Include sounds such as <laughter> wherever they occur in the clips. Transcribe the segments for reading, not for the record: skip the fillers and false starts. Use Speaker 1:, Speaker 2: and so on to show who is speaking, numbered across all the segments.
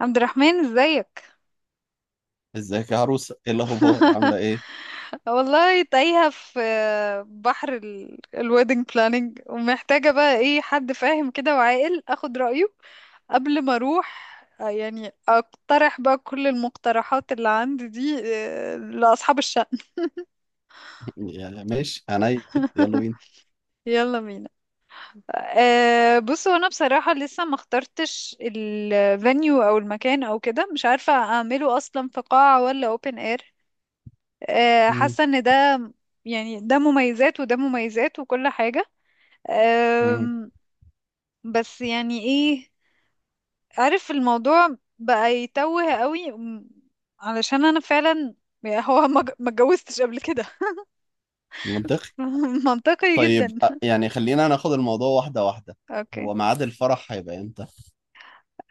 Speaker 1: عبد الرحمن، ازيك؟
Speaker 2: ازيك يا عروسه، ايه الاخبار؟
Speaker 1: <laughs>
Speaker 2: عامله ايه؟
Speaker 1: والله تايهة في بحر الويدنج بلاننج ومحتاجة بقى ايه حد فاهم كده وعاقل اخد رأيه قبل ما اروح. يعني اقترح بقى كل المقترحات اللي عندي دي لأصحاب الشأن.
Speaker 2: <laughs> يعني ماشي عينيا. يلا بينا.
Speaker 1: <laughs> يلا بينا. بصوا، انا بصراحة لسه ما اخترتش الفانيو او المكان او كده، مش عارفة اعمله اصلا في قاعة ولا open air.
Speaker 2: مم.
Speaker 1: حاسة ان ده يعني ده مميزات وده مميزات وكل حاجة.
Speaker 2: مم.
Speaker 1: آم، بس يعني ايه، عارف الموضوع بقى يتوه قوي علشان انا فعلا يعني هو ما اتجوزتش قبل كده.
Speaker 2: منطقي.
Speaker 1: <laughs> منطقي
Speaker 2: طيب
Speaker 1: جدا.
Speaker 2: يعني خلينا ناخد الموضوع واحده واحده.
Speaker 1: اوكي.
Speaker 2: هو ميعاد الفرح هيبقى امتى؟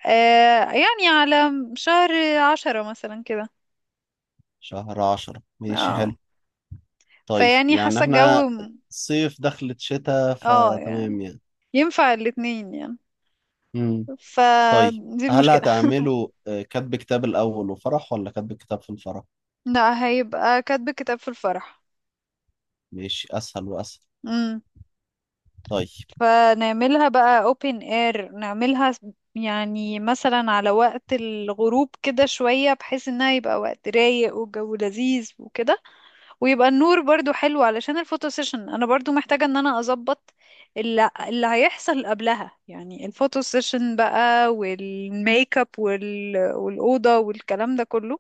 Speaker 1: يعني على شهر عشرة مثلا كده.
Speaker 2: شهر عشرة ماشي حلو.
Speaker 1: اه.
Speaker 2: طيب
Speaker 1: فيعني
Speaker 2: يعني
Speaker 1: حاسة
Speaker 2: احنا
Speaker 1: الجو
Speaker 2: صيف دخلت شتاء
Speaker 1: اه يعني
Speaker 2: فتمام يعني.
Speaker 1: ينفع الاتنين يعني.
Speaker 2: مم. طيب،
Speaker 1: فدي
Speaker 2: هل
Speaker 1: المشكلة.
Speaker 2: هتعملوا كتب كتاب الاول وفرح، ولا كتب كتاب في الفرح؟
Speaker 1: لا، هيبقى كاتب كتاب في الفرح.
Speaker 2: ماشي، اسهل واسهل. طيب.
Speaker 1: فنعملها بقى open air، يعني مثلا على وقت الغروب كده شوية، بحيث انها يبقى وقت رايق والجو لذيذ وكده، ويبقى النور برضو حلو علشان الفوتو سيشن. انا برضو محتاجة ان انا اظبط اللي هيحصل قبلها، يعني الفوتو سيشن بقى والميك اب والأوضة والكلام ده كله.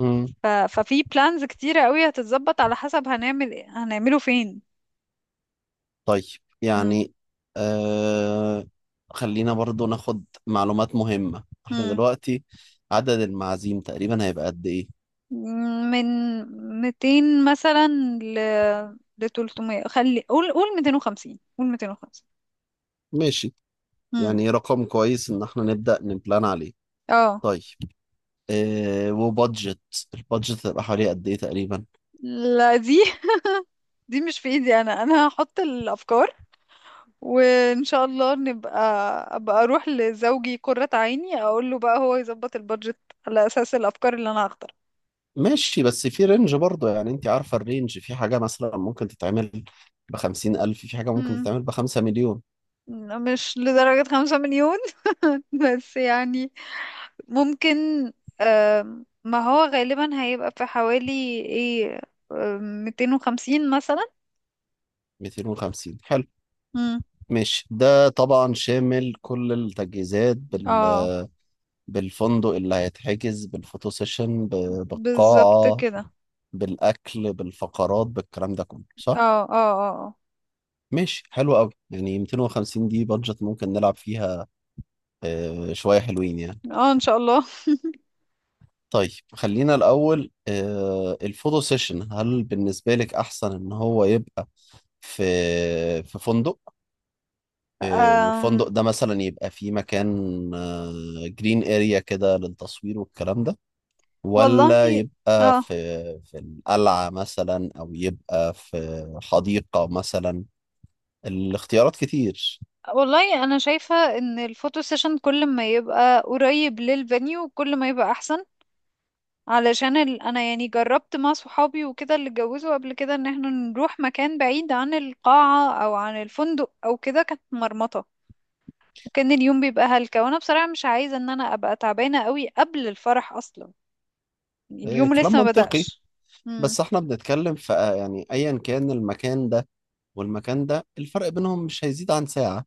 Speaker 2: مم.
Speaker 1: ففي بلانز كتيرة قوي هتتظبط على حسب هنعمله فين.
Speaker 2: طيب يعني آه، خلينا برضو ناخد معلومات مهمة احنا
Speaker 1: مم.
Speaker 2: دلوقتي. عدد المعازيم تقريبا هيبقى قد ايه؟
Speaker 1: من 200 مثلا ل ل 300، خلي قول 250، قول 250.
Speaker 2: ماشي،
Speaker 1: امم
Speaker 2: يعني رقم كويس ان احنا نبدأ نبلان عليه.
Speaker 1: اه،
Speaker 2: طيب، آه، وبادجت، البادجت هتبقى حوالي قد ايه تقريبا؟
Speaker 1: لا، دي مش في ايدي، انا هحط الافكار، وان شاء الله نبقى ابقى اروح لزوجي قرة عيني، اقول له بقى هو يظبط البادجت على اساس الافكار اللي انا هختارها.
Speaker 2: ماشي، بس في رينج برضو، يعني انت عارفة الرينج، في حاجة مثلا ممكن تتعمل بخمسين ألف، في حاجة ممكن
Speaker 1: امم
Speaker 2: تتعمل بخمسة مليون.
Speaker 1: مش لدرجة خمسة مليون، <laughs> بس يعني ممكن. ما هو غالبا هيبقى في حوالي ايه 250 مثلا.
Speaker 2: 250 حلو.
Speaker 1: مم.
Speaker 2: ماشي، ده طبعا شامل كل التجهيزات
Speaker 1: اه،
Speaker 2: بالفندق اللي هيتحجز، بالفوتو سيشن،
Speaker 1: بالظبط
Speaker 2: بالقاعة،
Speaker 1: كده.
Speaker 2: بالأكل، بالفقرات، بالكلام ده كله،
Speaker 1: اه،
Speaker 2: صح؟
Speaker 1: اه. اه،
Speaker 2: ماشي حلو قوي، يعني 250 دي بادجت ممكن نلعب فيها. آه، شوية حلوين يعني.
Speaker 1: اه. ان شاء الله.
Speaker 2: طيب خلينا الأول آه، الفوتو سيشن، هل بالنسبة لك أحسن إن هو يبقى في في فندق، آه،
Speaker 1: أم
Speaker 2: والفندق ده مثلا يبقى فيه مكان جرين اريا كده للتصوير والكلام ده، ولا
Speaker 1: والله
Speaker 2: يبقى في
Speaker 1: اه
Speaker 2: في القلعة مثلا، أو يبقى في حديقة مثلا؟ الاختيارات كتير.
Speaker 1: والله انا شايفة ان الفوتو سيشن كل ما يبقى قريب للفانيو كل ما يبقى احسن، علشان انا يعني جربت مع صحابي وكده، اللي اتجوزوا قبل كده ان احنا نروح مكان بعيد عن القاعة او عن الفندق او كده كانت مرمطة، وكان اليوم بيبقى هلكة، وانا بصراحة مش عايزة ان انا ابقى تعبانة قوي قبل الفرح اصلا، يعني
Speaker 2: إيه،
Speaker 1: اليوم
Speaker 2: كلام
Speaker 1: لسه ما
Speaker 2: منطقي.
Speaker 1: بدأش. امم
Speaker 2: بس احنا بنتكلم في آه، يعني أيا كان المكان ده والمكان ده، الفرق بينهم مش هيزيد عن ساعة،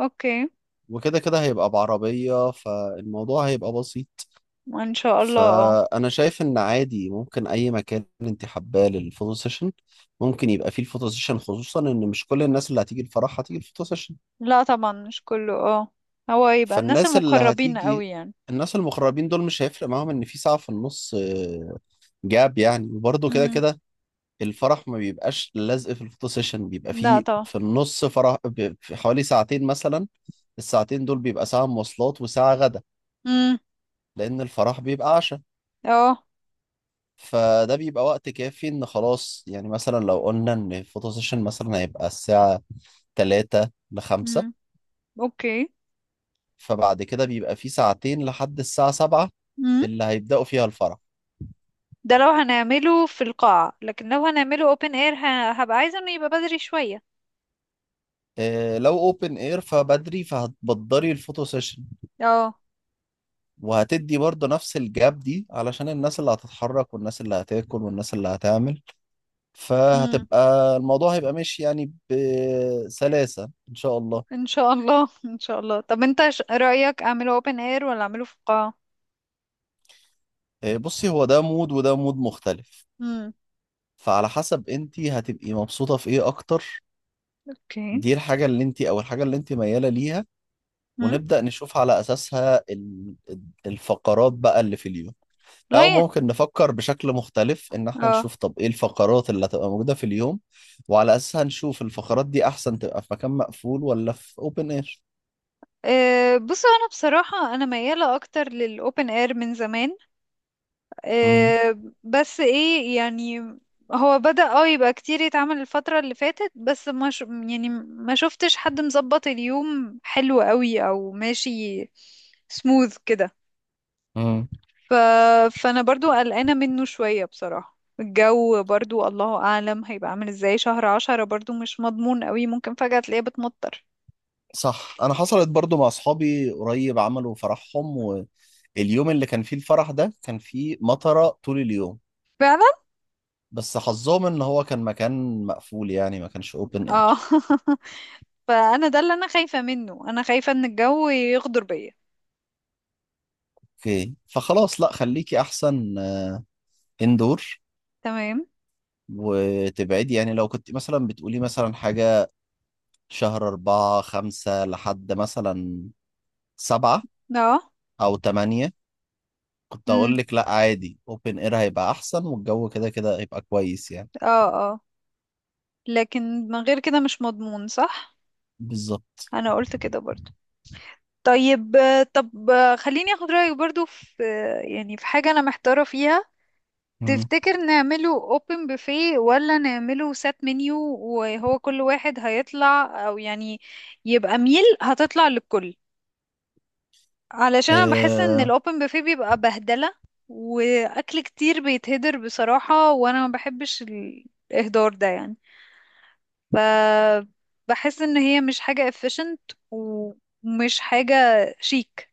Speaker 1: اوكي.
Speaker 2: وكده كده هيبقى بعربية فالموضوع هيبقى بسيط.
Speaker 1: ان شاء الله، اه.
Speaker 2: فأنا شايف إن عادي ممكن أي مكان أنت حباه للفوتو سيشن ممكن يبقى فيه الفوتو سيشن، خصوصا إن مش كل الناس اللي هتيجي الفرح هتيجي الفوتو سيشن.
Speaker 1: لا طبعا مش كله، اه، هو يبقى الناس
Speaker 2: فالناس اللي
Speaker 1: المقربين
Speaker 2: هتيجي،
Speaker 1: قوي يعني.
Speaker 2: الناس المغربين دول مش هيفرق معاهم ان في ساعة في النص، آه، جاب يعني، وبرضه كده
Speaker 1: امم
Speaker 2: كده الفرح ما بيبقاش لازق في الفوتو سيشن، بيبقى
Speaker 1: لا
Speaker 2: فيه
Speaker 1: طبعا.
Speaker 2: في النص فرح في حوالي ساعتين مثلا. الساعتين دول بيبقى ساعة مواصلات وساعة غدا،
Speaker 1: امم
Speaker 2: لأن الفرح بيبقى عشاء.
Speaker 1: اه.
Speaker 2: فده بيبقى وقت كافي، ان خلاص يعني مثلا لو قلنا ان الفوتو سيشن مثلا هيبقى الساعة تلاتة لخمسة،
Speaker 1: امم اوكي.
Speaker 2: فبعد كده بيبقى فيه ساعتين لحد الساعة سبعة
Speaker 1: امم
Speaker 2: اللي هيبدأوا فيها الفرح.
Speaker 1: ده لو هنعمله في القاعة، لكن لو هنعمله open air هبقى عايزة انه يبقى بدري شوية.
Speaker 2: آه، لو اوبن اير فبدري، فهتبدري الفوتو سيشن،
Speaker 1: اه.
Speaker 2: وهتدي برضه نفس الجاب دي علشان الناس اللي هتتحرك والناس اللي هتاكل والناس اللي هتعمل.
Speaker 1: امم
Speaker 2: فهتبقى، الموضوع هيبقى ماشي يعني بسلاسة ان شاء الله.
Speaker 1: ان شاء الله. <laughs> ان شاء الله. طب انت رأيك اعمله open air ولا اعمله في القاعة؟
Speaker 2: آه، بصي، هو ده مود وده مود مختلف، فعلى حسب انت هتبقي مبسوطة في ايه اكتر.
Speaker 1: اوكي.
Speaker 2: دي الحاجة اللي انت، او الحاجة اللي انت ميالة ليها،
Speaker 1: مم؟
Speaker 2: ونبدأ نشوف على اساسها الفقرات بقى اللي في اليوم. او
Speaker 1: لا
Speaker 2: ممكن نفكر بشكل مختلف، ان احنا نشوف
Speaker 1: اه.
Speaker 2: طب ايه الفقرات اللي هتبقى موجودة في اليوم، وعلى اساسها نشوف الفقرات دي احسن تبقى في مكان مقفول ولا في اوبن اير.
Speaker 1: بصوا، انا بصراحة انا ميالة اكتر للاوبن اير من زمان.
Speaker 2: امم.
Speaker 1: بس ايه يعني هو بدأ يبقى كتير يتعمل الفترة اللي فاتت، بس ما ش... يعني ما شفتش حد مظبط اليوم حلو قوي او ماشي سموث كده.
Speaker 2: امم.
Speaker 1: ف... فانا برضو قلقانة منه شوية بصراحة. الجو برضو الله اعلم هيبقى عامل ازاي. شهر عشرة برضو مش مضمون قوي، ممكن فجأة تلاقيه بتمطر.
Speaker 2: صح، انا حصلت برضو مع اصحابي قريب، عملوا فرحهم واليوم اللي كان فيه الفرح ده كان فيه مطرة طول اليوم،
Speaker 1: فعلا.
Speaker 2: بس حظهم ان هو كان مكان مقفول، يعني ما كانش اوبن
Speaker 1: اه.
Speaker 2: اير.
Speaker 1: <laughs> فانا ده اللي انا خايفة منه، انا خايفة ان الجو يغدر بيا.
Speaker 2: اوكي، فخلاص لا خليكي احسن اندور
Speaker 1: تمام.
Speaker 2: وتبعدي. يعني لو كنت مثلا بتقولي مثلا حاجة شهر أربعة خمسة لحد مثلا سبعة
Speaker 1: اه.
Speaker 2: أو تمانية، كنت
Speaker 1: امم
Speaker 2: أقول لك لأ عادي، أوبن إير هيبقى أحسن والجو كده كده هيبقى كويس يعني.
Speaker 1: اه، اه، لكن من غير كده مش مضمون، صح.
Speaker 2: بالظبط.
Speaker 1: انا قلت كده برضو. طيب، آه، طب آه، خليني اخد رأيك برضو في يعني في حاجة انا محتارة فيها.
Speaker 2: مم.
Speaker 1: تفتكر نعمله open buffet ولا نعمله set menu، وهو كل واحد هيطلع او يعني يبقى ميل هتطلع للكل؟ علشان انا بحس ان
Speaker 2: أه،
Speaker 1: الاوبن بوفيه بيبقى بهدله، واكل كتير بيتهدر بصراحه، وانا ما بحبش الاهدار ده يعني. ف بحس ان هي مش حاجه efficient ومش حاجه شيك.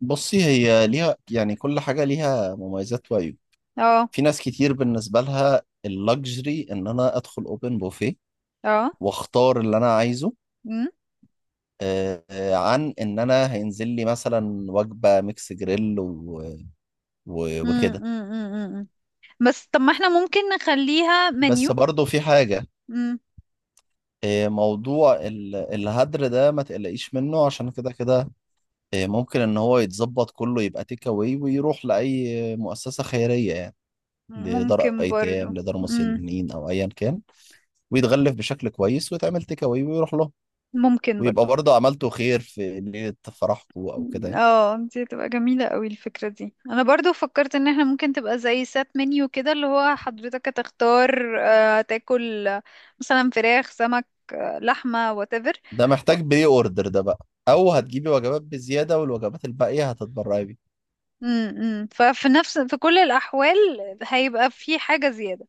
Speaker 2: بصي، هي ليها يعني، كل حاجة ليها مميزات وعيوب.
Speaker 1: اه،
Speaker 2: في ناس كتير بالنسبة لها اللكجري إن أنا أدخل أوبن بوفيه
Speaker 1: اه.
Speaker 2: وأختار اللي أنا عايزه،
Speaker 1: مم.
Speaker 2: أه آه، عن إن أنا هينزل لي مثلا وجبة ميكس جريل
Speaker 1: مم.
Speaker 2: وكده.
Speaker 1: مم. مم. مم. بس طب ما احنا ممكن نخليها
Speaker 2: بس
Speaker 1: منيو.
Speaker 2: برضه في حاجة،
Speaker 1: مم.
Speaker 2: إيه، موضوع الهدر ده ما تقلقيش منه، عشان كده كده إيه، ممكن ان هو يتظبط كله يبقى تيك اواي ويروح لاي مؤسسه خيريه يعني، لدار
Speaker 1: ممكن برضو.
Speaker 2: ايتام، لدار
Speaker 1: مم.
Speaker 2: مسنين، او ايا كان، ويتغلف بشكل كويس ويتعمل تيك اواي ويروح له،
Speaker 1: ممكن
Speaker 2: ويبقى
Speaker 1: برضو.
Speaker 2: برضه عملته خير في ليله فرحكم او كده يعني.
Speaker 1: اه، دي تبقى جميلة قوي الفكرة دي. انا برضو فكرت ان احنا ممكن تبقى زي سات منيو كده، اللي هو حضرتك هتختار تاكل، مثلا فراخ، سمك، لحمة، whatever.
Speaker 2: ده محتاج بري اوردر ده بقى، او هتجيبي وجبات بزياده والوجبات الباقيه هتتبرعي بيها.
Speaker 1: ففي نفس في كل الأحوال هيبقى في حاجة زيادة.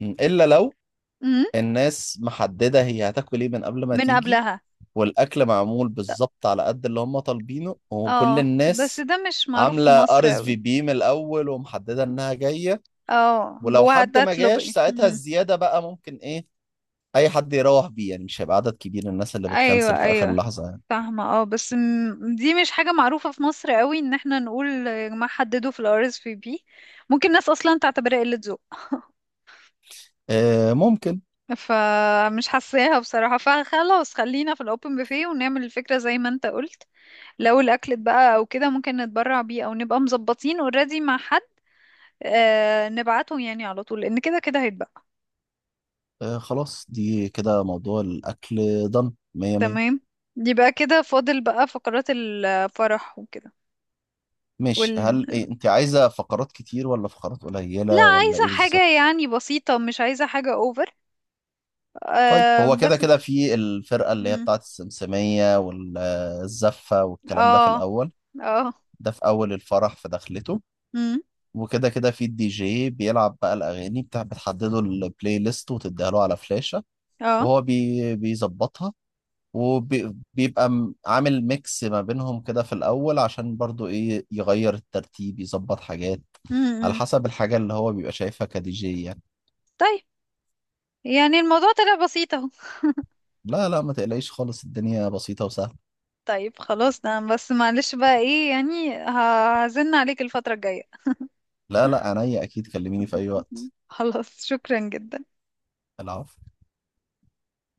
Speaker 2: م، الا لو
Speaker 1: امم
Speaker 2: الناس محدده هي هتاكل ايه من قبل ما
Speaker 1: من
Speaker 2: تيجي،
Speaker 1: قبلها.
Speaker 2: والاكل معمول بالظبط على قد اللي هم طالبينه، وكل
Speaker 1: اه، بس
Speaker 2: الناس
Speaker 1: ده مش معروف في
Speaker 2: عامله
Speaker 1: مصر
Speaker 2: ار اس في
Speaker 1: قوي.
Speaker 2: بي من الاول ومحدده انها جايه.
Speaker 1: اه،
Speaker 2: ولو حد ما
Speaker 1: وهتطلب
Speaker 2: جاش
Speaker 1: ايه.
Speaker 2: ساعتها
Speaker 1: مم.
Speaker 2: الزياده بقى ممكن ايه، اي حد يروح بيه يعني، مش هيبقى عدد كبير الناس اللي بتكنسل
Speaker 1: ايوه،
Speaker 2: في اخر
Speaker 1: ايوه،
Speaker 2: لحظه يعني.
Speaker 1: فاهمة، اه، بس دي مش حاجة معروفة في مصر قوي ان احنا نقول يا جماعة حددوا في الـ RSVP. ممكن ناس اصلا تعتبرها قلة ذوق.
Speaker 2: آه، ممكن.
Speaker 1: فمش حاساها بصراحة. فخلاص خلينا في الاوبن بوفيه ونعمل الفكرة زي ما انت قلت. لو الاكل اتبقى او كده ممكن نتبرع بيه او نبقى مظبطين اوريدي مع حد، نبعته يعني على طول، لان كده كده هيتبقى.
Speaker 2: آه، خلاص دي كده موضوع الاكل، ضن مية مية.
Speaker 1: تمام. يبقى كده فاضل بقى فقرات الفرح وكده.
Speaker 2: ماشي،
Speaker 1: وال...
Speaker 2: هل إيه، انت عايزه فقرات كتير ولا فقرات
Speaker 1: لا،
Speaker 2: قليله ولا
Speaker 1: عايزة
Speaker 2: ايه
Speaker 1: حاجة
Speaker 2: بالظبط؟
Speaker 1: يعني بسيطة، مش عايزة حاجة اوفر.
Speaker 2: طيب هو كده
Speaker 1: بس.
Speaker 2: كده في الفرقة اللي هي
Speaker 1: امم
Speaker 2: بتاعت السمسمية والزفة والكلام ده في
Speaker 1: اه،
Speaker 2: الأول،
Speaker 1: اه.
Speaker 2: ده في أول الفرح في دخلته،
Speaker 1: امم
Speaker 2: وكده كده في الدي جي بيلعب بقى الأغاني، بتاع بتحدده البلاي ليست وتديها له على فلاشة
Speaker 1: اه.
Speaker 2: وهو بي بيظبطها، وبيبقى عامل ميكس ما بينهم كده في الأول، عشان برضو إيه يغير الترتيب، يظبط حاجات على
Speaker 1: امم
Speaker 2: حسب الحاجة اللي هو بيبقى شايفها كدي جي يعني.
Speaker 1: طيب، يعني الموضوع طلع بسيط اهو.
Speaker 2: لا لا، ما تقلقيش خالص، الدنيا بسيطة وسهلة.
Speaker 1: طيب، خلاص، ده بس معلش بقى ايه يعني هزن عليك الفترة الجاية.
Speaker 2: لا لا عينيا، أكيد كلميني في أي
Speaker 1: <laughs>
Speaker 2: وقت.
Speaker 1: خلاص، شكرا جدا.
Speaker 2: العفو.